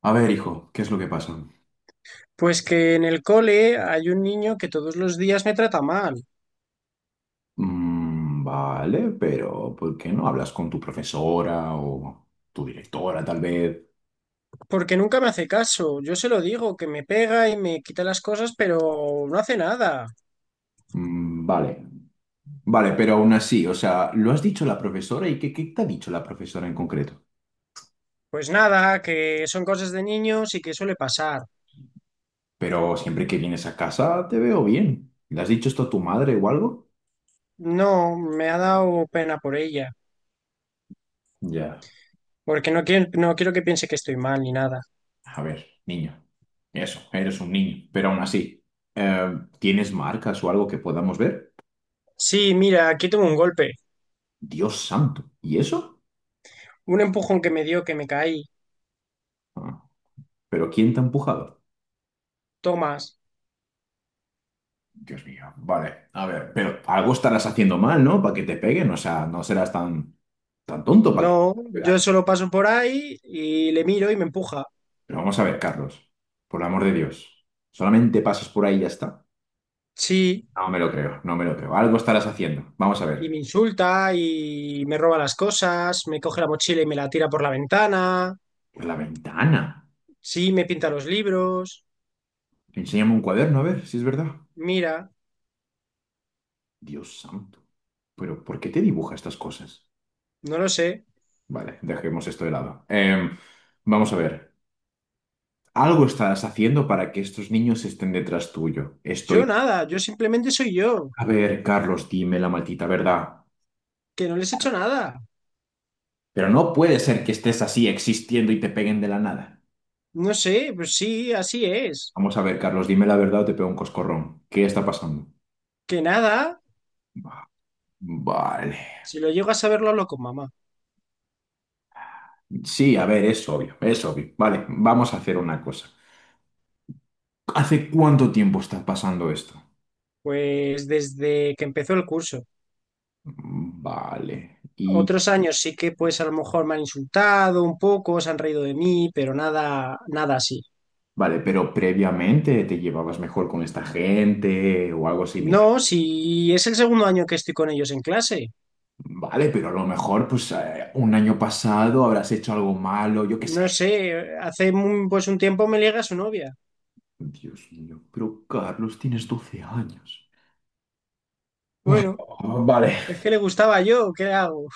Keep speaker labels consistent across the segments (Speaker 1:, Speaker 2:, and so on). Speaker 1: A ver, hijo, ¿qué es lo que pasa?
Speaker 2: Pues que en el cole hay un niño que todos los días me trata mal,
Speaker 1: "Mm, vale, pero ¿por qué no hablas con tu profesora o tu directora, tal vez?
Speaker 2: porque nunca me hace caso. Yo se lo digo, que me pega y me quita las cosas, pero no hace nada.
Speaker 1: "Mm, vale, vale, pero aún así, o sea, ¿lo has dicho la profesora y qué, qué te ha dicho la profesora en concreto?
Speaker 2: Pues nada, que son cosas de niños y que suele pasar.
Speaker 1: Pero siempre que vienes a casa te veo bien. ¿Le has dicho esto a tu madre o algo?
Speaker 2: No, me ha dado pena por ella,
Speaker 1: Ya,
Speaker 2: porque no quiero que piense que estoy mal ni nada.
Speaker 1: a ver, niño, eso, eres un niño, pero aún así, eh, ¿tienes marcas o algo que podamos ver?
Speaker 2: Sí, mira, aquí tengo un golpe,
Speaker 1: Dios santo, ¿y eso?
Speaker 2: un empujón que me dio que me caí.
Speaker 1: Ah, ¿pero quién te ha empujado?
Speaker 2: Tomás.
Speaker 1: Dios mío, vale, a ver, pero algo estarás haciendo mal, ¿no? Para que te peguen, o sea, no serás tan, tan tonto para que te
Speaker 2: No,
Speaker 1: peguen.
Speaker 2: yo solo paso por ahí y le miro y me empuja.
Speaker 1: Pero vamos a ver, Carlos, por el amor de Dios, solamente pasas por ahí y ya está.
Speaker 2: Sí.
Speaker 1: No me lo creo, no me lo creo. Algo estarás haciendo. Vamos a
Speaker 2: Y
Speaker 1: ver,
Speaker 2: me insulta y me roba las cosas, me coge la mochila y me la tira por la ventana,
Speaker 1: por la ventana.
Speaker 2: sí, me pinta los libros,
Speaker 1: Enséñame un cuaderno, a ver si es verdad.
Speaker 2: mira,
Speaker 1: Dios santo, pero ¿por qué te dibuja estas cosas?
Speaker 2: no lo sé.
Speaker 1: Vale, dejemos esto de lado. Vamos a ver, algo estarás haciendo para que estos niños estén detrás tuyo. Estoy.
Speaker 2: Yo nada, yo simplemente soy yo,
Speaker 1: A ver, Carlos, dime la maldita verdad.
Speaker 2: que no les he hecho nada.
Speaker 1: Pero no puede ser que estés así existiendo y te peguen de la nada.
Speaker 2: No sé, pues sí, así es.
Speaker 1: Vamos a ver, Carlos, dime la verdad o te pego un coscorrón. ¿Qué está pasando?
Speaker 2: Que nada,
Speaker 1: Vale.
Speaker 2: si lo llego a saber, lo hablo con mamá.
Speaker 1: Sí, a ver, es obvio, es obvio. Vale, vamos a hacer una cosa. ¿Hace cuánto tiempo está pasando esto?
Speaker 2: Pues desde que empezó el curso.
Speaker 1: Vale. Y
Speaker 2: Otros años sí que pues a lo mejor me han insultado un poco, se han reído de mí, pero nada, nada así.
Speaker 1: vale, pero previamente te llevabas mejor con esta gente o algo
Speaker 2: No,
Speaker 1: similar.
Speaker 2: si es el segundo año que estoy con ellos en clase.
Speaker 1: Vale, pero a lo mejor, pues, un año pasado habrás hecho algo malo, yo qué
Speaker 2: No
Speaker 1: sé.
Speaker 2: sé, pues un tiempo me liga su novia.
Speaker 1: Dios mío, pero Carlos, tienes 12 años. Uf,
Speaker 2: Bueno,
Speaker 1: vale.
Speaker 2: es que le gustaba yo, ¿qué hago?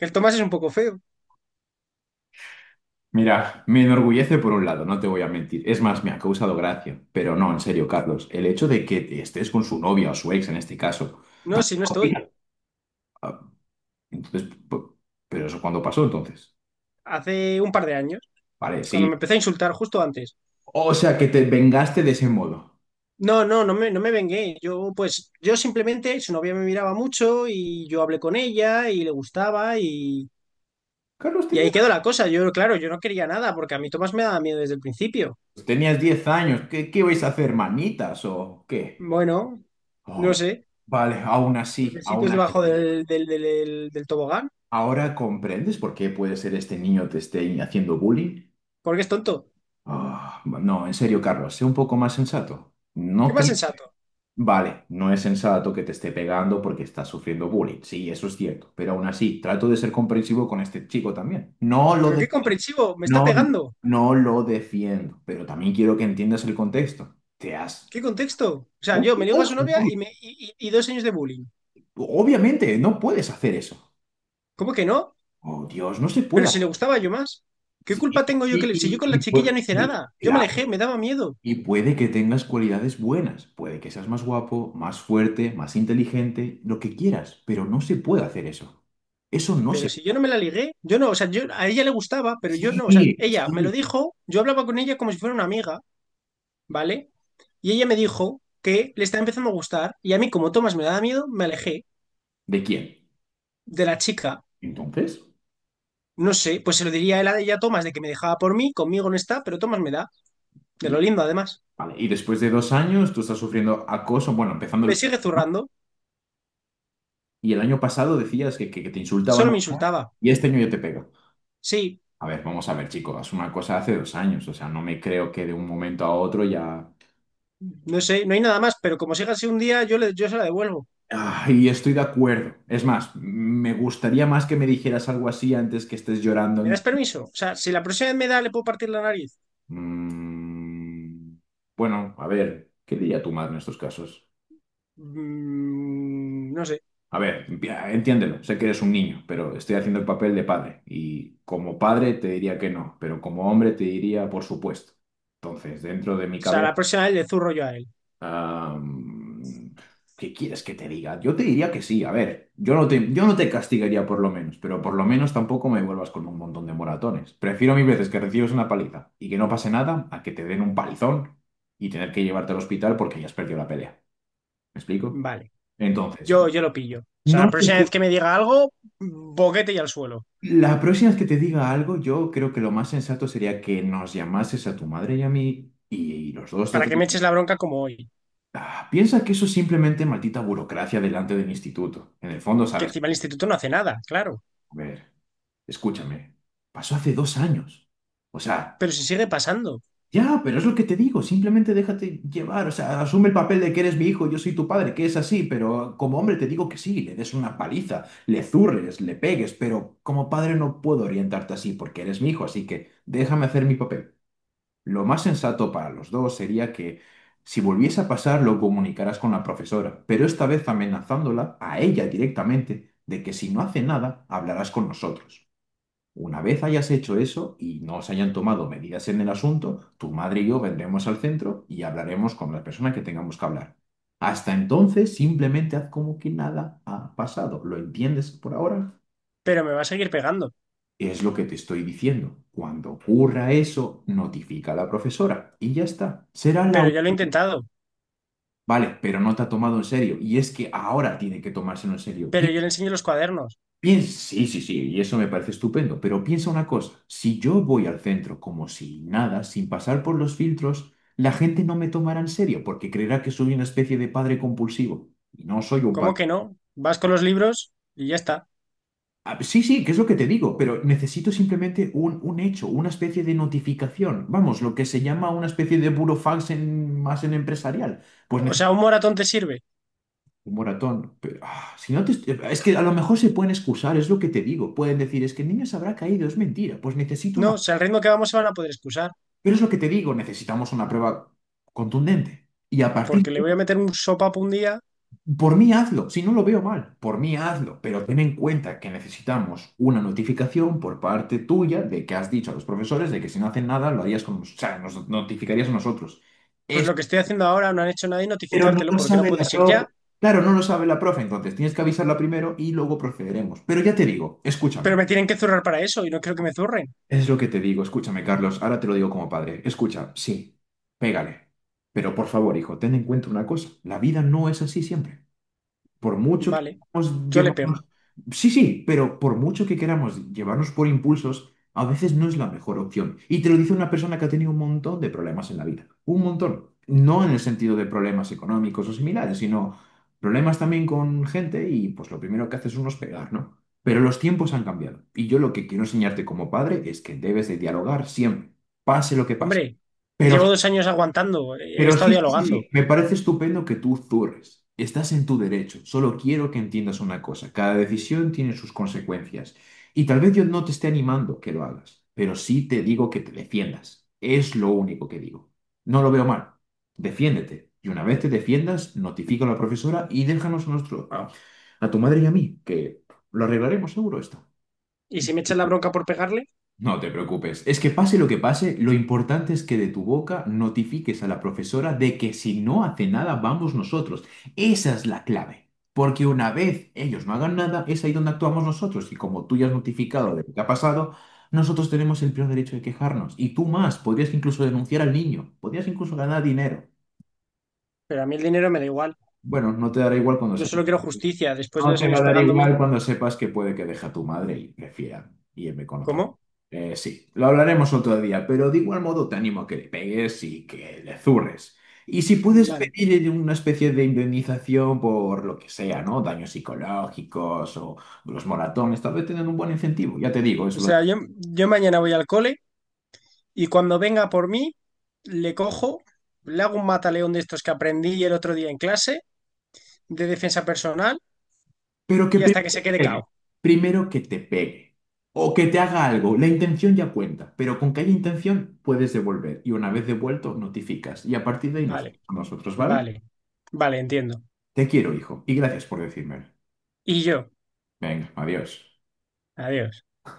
Speaker 2: El Tomás es un poco feo.
Speaker 1: Mira, me enorgullece por un lado, no te voy a mentir. Es más, me ha causado gracia. Pero no, en serio, Carlos, el hecho de que estés con su novia o su ex en este caso.
Speaker 2: No, si no estoy.
Speaker 1: Ah, entonces, p- ¿pero eso cuando pasó entonces?
Speaker 2: Hace un par de años,
Speaker 1: Vale,
Speaker 2: cuando me
Speaker 1: sí.
Speaker 2: empecé a insultar justo antes.
Speaker 1: O sea, que te vengaste de ese modo.
Speaker 2: No, no, no me vengué. Yo, pues, yo simplemente, su novia me miraba mucho y yo hablé con ella y le gustaba
Speaker 1: Carlos,
Speaker 2: y ahí
Speaker 1: tenías,
Speaker 2: quedó la cosa. Yo, claro, yo no quería nada porque a mí Tomás me daba miedo desde el principio.
Speaker 1: tenías 10 años. ¿Qué, qué vais a hacer, manitas o qué?
Speaker 2: Bueno, no
Speaker 1: Oh,
Speaker 2: sé.
Speaker 1: vale, aún
Speaker 2: Los
Speaker 1: así,
Speaker 2: besitos
Speaker 1: aún
Speaker 2: debajo
Speaker 1: así.
Speaker 2: del tobogán,
Speaker 1: ¿Ahora comprendes por qué puede ser este niño te esté haciendo bullying?
Speaker 2: porque es tonto.
Speaker 1: Ah, no, en serio, Carlos, sé un poco más sensato.
Speaker 2: ¿Qué más sensato?
Speaker 1: Vale, no es sensato que te esté pegando porque estás sufriendo bullying. Sí, eso es cierto. Pero aún así, trato de ser comprensivo con este chico también. No lo
Speaker 2: Pero qué
Speaker 1: defiendo.
Speaker 2: comprensivo, me está
Speaker 1: No,
Speaker 2: pegando.
Speaker 1: no lo defiendo. Pero también quiero que entiendas el contexto. Te
Speaker 2: ¿Qué
Speaker 1: has.
Speaker 2: contexto? O sea,
Speaker 1: Te has
Speaker 2: yo me ligo a
Speaker 1: quitado
Speaker 2: su
Speaker 1: su
Speaker 2: novia y,
Speaker 1: móvil.
Speaker 2: me, y, y- y dos años de bullying.
Speaker 1: Obviamente, no puedes hacer eso.
Speaker 2: ¿Cómo que no?
Speaker 1: Oh, Dios, no se
Speaker 2: Pero
Speaker 1: puede
Speaker 2: si le
Speaker 1: hacer.
Speaker 2: gustaba yo más. ¿Qué culpa tengo yo que le... Si yo con la
Speaker 1: Pues,
Speaker 2: chiquilla no hice nada, yo me alejé, me
Speaker 1: claro.
Speaker 2: daba miedo.
Speaker 1: Y puede que tengas cualidades buenas, puede que seas más guapo, más fuerte, más inteligente, lo que quieras, pero no se puede hacer eso. Eso no
Speaker 2: Pero
Speaker 1: se
Speaker 2: si
Speaker 1: puede
Speaker 2: yo
Speaker 1: hacer.
Speaker 2: no me la ligué, yo no, o sea, yo, a ella le gustaba, pero yo
Speaker 1: Sí,
Speaker 2: no, o sea, ella me lo
Speaker 1: sí.
Speaker 2: dijo, yo hablaba con ella como si fuera una amiga, ¿vale? Y ella me dijo que le está empezando a gustar y a mí como Tomás me daba miedo, me alejé
Speaker 1: ¿De quién?
Speaker 2: de la chica.
Speaker 1: Entonces,
Speaker 2: No sé, pues se lo diría él a ella a Tomás de que me dejaba por mí, conmigo no está, pero Tomás me da, de lo
Speaker 1: y,
Speaker 2: lindo además.
Speaker 1: vale, y después de 2 años tú estás sufriendo acoso, bueno, empezando
Speaker 2: Me
Speaker 1: el...
Speaker 2: sigue
Speaker 1: ¿no?
Speaker 2: zurrando.
Speaker 1: Y el año pasado decías que, que te
Speaker 2: Solo
Speaker 1: insultaban
Speaker 2: me insultaba.
Speaker 1: y este año yo te pego.
Speaker 2: Sí,
Speaker 1: A ver, vamos a ver, chicos, es una cosa de hace 2 años, o sea, no me creo que de un momento a otro ya...
Speaker 2: no sé, no hay nada más, pero como siga así un día, yo se la devuelvo.
Speaker 1: Ah, y estoy de acuerdo. Es más, me gustaría más que me dijeras algo así antes que estés
Speaker 2: ¿Me
Speaker 1: llorando.
Speaker 2: das permiso? O sea, si la próxima vez me da, le puedo partir la nariz.
Speaker 1: Mm, bueno, a ver, ¿qué diría tu madre en estos casos?
Speaker 2: No sé. O
Speaker 1: A ver, entiéndelo, sé que eres un niño, pero estoy haciendo el papel de padre. Y como padre te diría que no, pero como hombre te diría por supuesto. Entonces, dentro de mi
Speaker 2: sea,
Speaker 1: cabeza...
Speaker 2: la próxima vez le zurro yo a él.
Speaker 1: Am, ¿qué quieres que te diga? Yo te diría que sí, a ver, yo no te castigaría por lo menos, pero por lo menos tampoco me vuelvas con un montón de moratones. Prefiero mil veces que recibas una paliza y que no pase nada a que te den un palizón y tener que llevarte al hospital porque ya has perdido la pelea. ¿Me explico?
Speaker 2: Vale,
Speaker 1: Entonces,
Speaker 2: yo lo pillo. O sea, la
Speaker 1: no sé
Speaker 2: próxima vez
Speaker 1: si-
Speaker 2: que me diga algo, boquete y al suelo.
Speaker 1: la próxima vez que te diga algo, yo creo que lo más sensato sería que nos llamases a tu madre y a mí y, los dos.
Speaker 2: Para que me eches la bronca como hoy.
Speaker 1: Ah, piensa que eso es simplemente maldita burocracia delante del instituto. En el fondo,
Speaker 2: Que
Speaker 1: sabes.
Speaker 2: encima el instituto no hace nada, claro.
Speaker 1: A ver, escúchame. Pasó hace 2 años. O sea,
Speaker 2: Pero si sigue pasando.
Speaker 1: ya, pero es lo que te digo. Simplemente déjate llevar. O sea, asume el papel de que eres mi hijo, yo soy tu padre, que es así. Pero como hombre te digo que sí, le des una paliza, le zurres, le pegues. Pero como padre no puedo orientarte así porque eres mi hijo. Así que déjame hacer mi papel. Lo más sensato para los dos sería que si volviese a pasar lo comunicarás con la profesora, pero esta vez amenazándola a ella directamente de que si no hace nada, hablarás con nosotros. Una vez hayas hecho eso y no os hayan tomado medidas en el asunto, tu madre y yo vendremos al centro y hablaremos con la persona que tengamos que hablar. Hasta entonces, simplemente haz como que nada ha pasado. ¿Lo entiendes por ahora?
Speaker 2: Pero me va a seguir pegando.
Speaker 1: Es lo que te estoy diciendo. Cuando ocurra eso, notifica a la profesora y ya está. Será la.
Speaker 2: Pero ya lo he intentado.
Speaker 1: Vale, pero no te ha tomado en serio. Y es que ahora tiene que tomárselo en serio.
Speaker 2: Pero yo le
Speaker 1: Piensa,
Speaker 2: enseño los cuadernos.
Speaker 1: sí, sí, sí, y eso me parece estupendo, pero piensa una cosa, si yo voy al centro como si nada, sin pasar por los filtros, la gente no me tomará en serio porque creerá que soy una especie de padre compulsivo. Y no soy un
Speaker 2: ¿Cómo que
Speaker 1: padre.
Speaker 2: no? Vas con los libros y ya está.
Speaker 1: Ah, sí, sí, que es lo que te digo, pero necesito simplemente un hecho, una especie de notificación. Vamos, lo que se llama una especie de burofax en, más en empresarial. Pues
Speaker 2: O sea,
Speaker 1: necesito.
Speaker 2: un moratón te sirve.
Speaker 1: Un moratón. Pero, ah, si no te est- es que a lo mejor se pueden excusar, es lo que te digo. Pueden decir, es que el niño se habrá caído, es mentira. Pues necesito
Speaker 2: No, o
Speaker 1: una.
Speaker 2: sea, el ritmo que vamos se van a poder excusar,
Speaker 1: Pero es lo que te digo, necesitamos una prueba contundente. Y a
Speaker 2: porque
Speaker 1: partir
Speaker 2: le voy a
Speaker 1: de...
Speaker 2: meter un sopapo un día,
Speaker 1: Por mí hazlo, si no lo veo mal, por mí hazlo. Pero ten en cuenta que necesitamos una notificación por parte tuya de que has dicho a los profesores de que si no hacen nada, lo harías con... O sea, nos notificarías a nosotros.
Speaker 2: pues lo que estoy haciendo ahora no han hecho nada y
Speaker 1: Pero no
Speaker 2: notificártelo,
Speaker 1: lo
Speaker 2: porque no
Speaker 1: sabe la
Speaker 2: puedes ir
Speaker 1: profe.
Speaker 2: ya,
Speaker 1: Claro, no lo sabe la profe, entonces tienes que avisarla primero y luego procederemos. Pero ya te digo,
Speaker 2: pero
Speaker 1: escúchame.
Speaker 2: me tienen que zurrar para eso y no quiero que me zurren.
Speaker 1: Es lo que te digo, escúchame, Carlos. Ahora te lo digo como padre. Escucha, sí, pégale. Pero por favor, hijo, ten en cuenta una cosa. La vida no es así siempre. Por mucho que
Speaker 2: Vale,
Speaker 1: queramos
Speaker 2: yo le pego.
Speaker 1: llevarnos... Sí, sí, pero por mucho que queramos llevarnos por impulsos, a veces no es la mejor opción. Y te lo dice una persona que ha tenido un montón de problemas en la vida. Un montón. No en el sentido de problemas económicos o similares, sino problemas también con gente y pues lo primero que haces uno es pegar, ¿no? Pero los tiempos han cambiado. Y yo lo que quiero enseñarte como padre es que debes de dialogar siempre, pase lo que pase.
Speaker 2: Hombre,
Speaker 1: Pero
Speaker 2: llevo 2 años aguantando, he
Speaker 1: pero
Speaker 2: estado
Speaker 1: sí, sí, sí,
Speaker 2: dialogando,
Speaker 1: sí, me parece estupendo que tú zurres. Estás en tu derecho. Solo quiero que entiendas una cosa. Cada decisión tiene sus consecuencias. Y tal vez yo no te esté animando que lo hagas, pero sí te digo que te defiendas. Es lo único que digo. No lo veo mal. Defiéndete. Y una vez te defiendas, notifica a la profesora y déjanos a, nuestro, a tu madre y a mí, que lo arreglaremos seguro esto.
Speaker 2: y si me echan la bronca por pegarle,
Speaker 1: No te preocupes. Es que pase, lo importante es que de tu boca notifiques a la profesora de que si no hace nada, vamos nosotros. Esa es la clave. Porque una vez ellos no hagan nada, es ahí donde actuamos nosotros. Y como tú ya has notificado de lo que ha pasado, nosotros tenemos el pleno derecho de quejarnos. Y tú más, podrías incluso denunciar al niño, podrías incluso ganar dinero.
Speaker 2: pero a mí el dinero me da igual.
Speaker 1: Bueno, no te dará igual cuando
Speaker 2: Yo
Speaker 1: sepas.
Speaker 2: solo quiero justicia, después de
Speaker 1: No
Speaker 2: dos
Speaker 1: te va
Speaker 2: años
Speaker 1: a dar
Speaker 2: pegándome,
Speaker 1: igual cuando sepas que puede que deje a tu madre y prefiera irme con otra.
Speaker 2: ¿cómo?
Speaker 1: Sí, lo hablaremos otro día, pero de igual modo te animo a que le pegues y que le zurres. Y si puedes
Speaker 2: Vale.
Speaker 1: pedir una especie de indemnización por lo que sea, ¿no? Daños psicológicos o los moratones, tal vez tengan un buen incentivo. Ya te digo,
Speaker 2: O
Speaker 1: eso lo.
Speaker 2: sea, yo mañana voy al cole. Y cuando venga por mí, le cojo, le hago un mataleón de estos que aprendí el otro día en clase de defensa personal
Speaker 1: Pero que
Speaker 2: y hasta
Speaker 1: primero
Speaker 2: que
Speaker 1: que
Speaker 2: se quede
Speaker 1: pegue,
Speaker 2: cao.
Speaker 1: primero que te pegue o que te haga algo, la intención ya cuenta, pero con que haya intención puedes devolver y una vez devuelto notificas y a partir de ahí nos vemos
Speaker 2: Vale,
Speaker 1: nosotros, ¿vale?
Speaker 2: vale, vale, entiendo.
Speaker 1: Te quiero, hijo, y gracias por decírmelo.
Speaker 2: Y yo,
Speaker 1: Venga, adiós.
Speaker 2: adiós.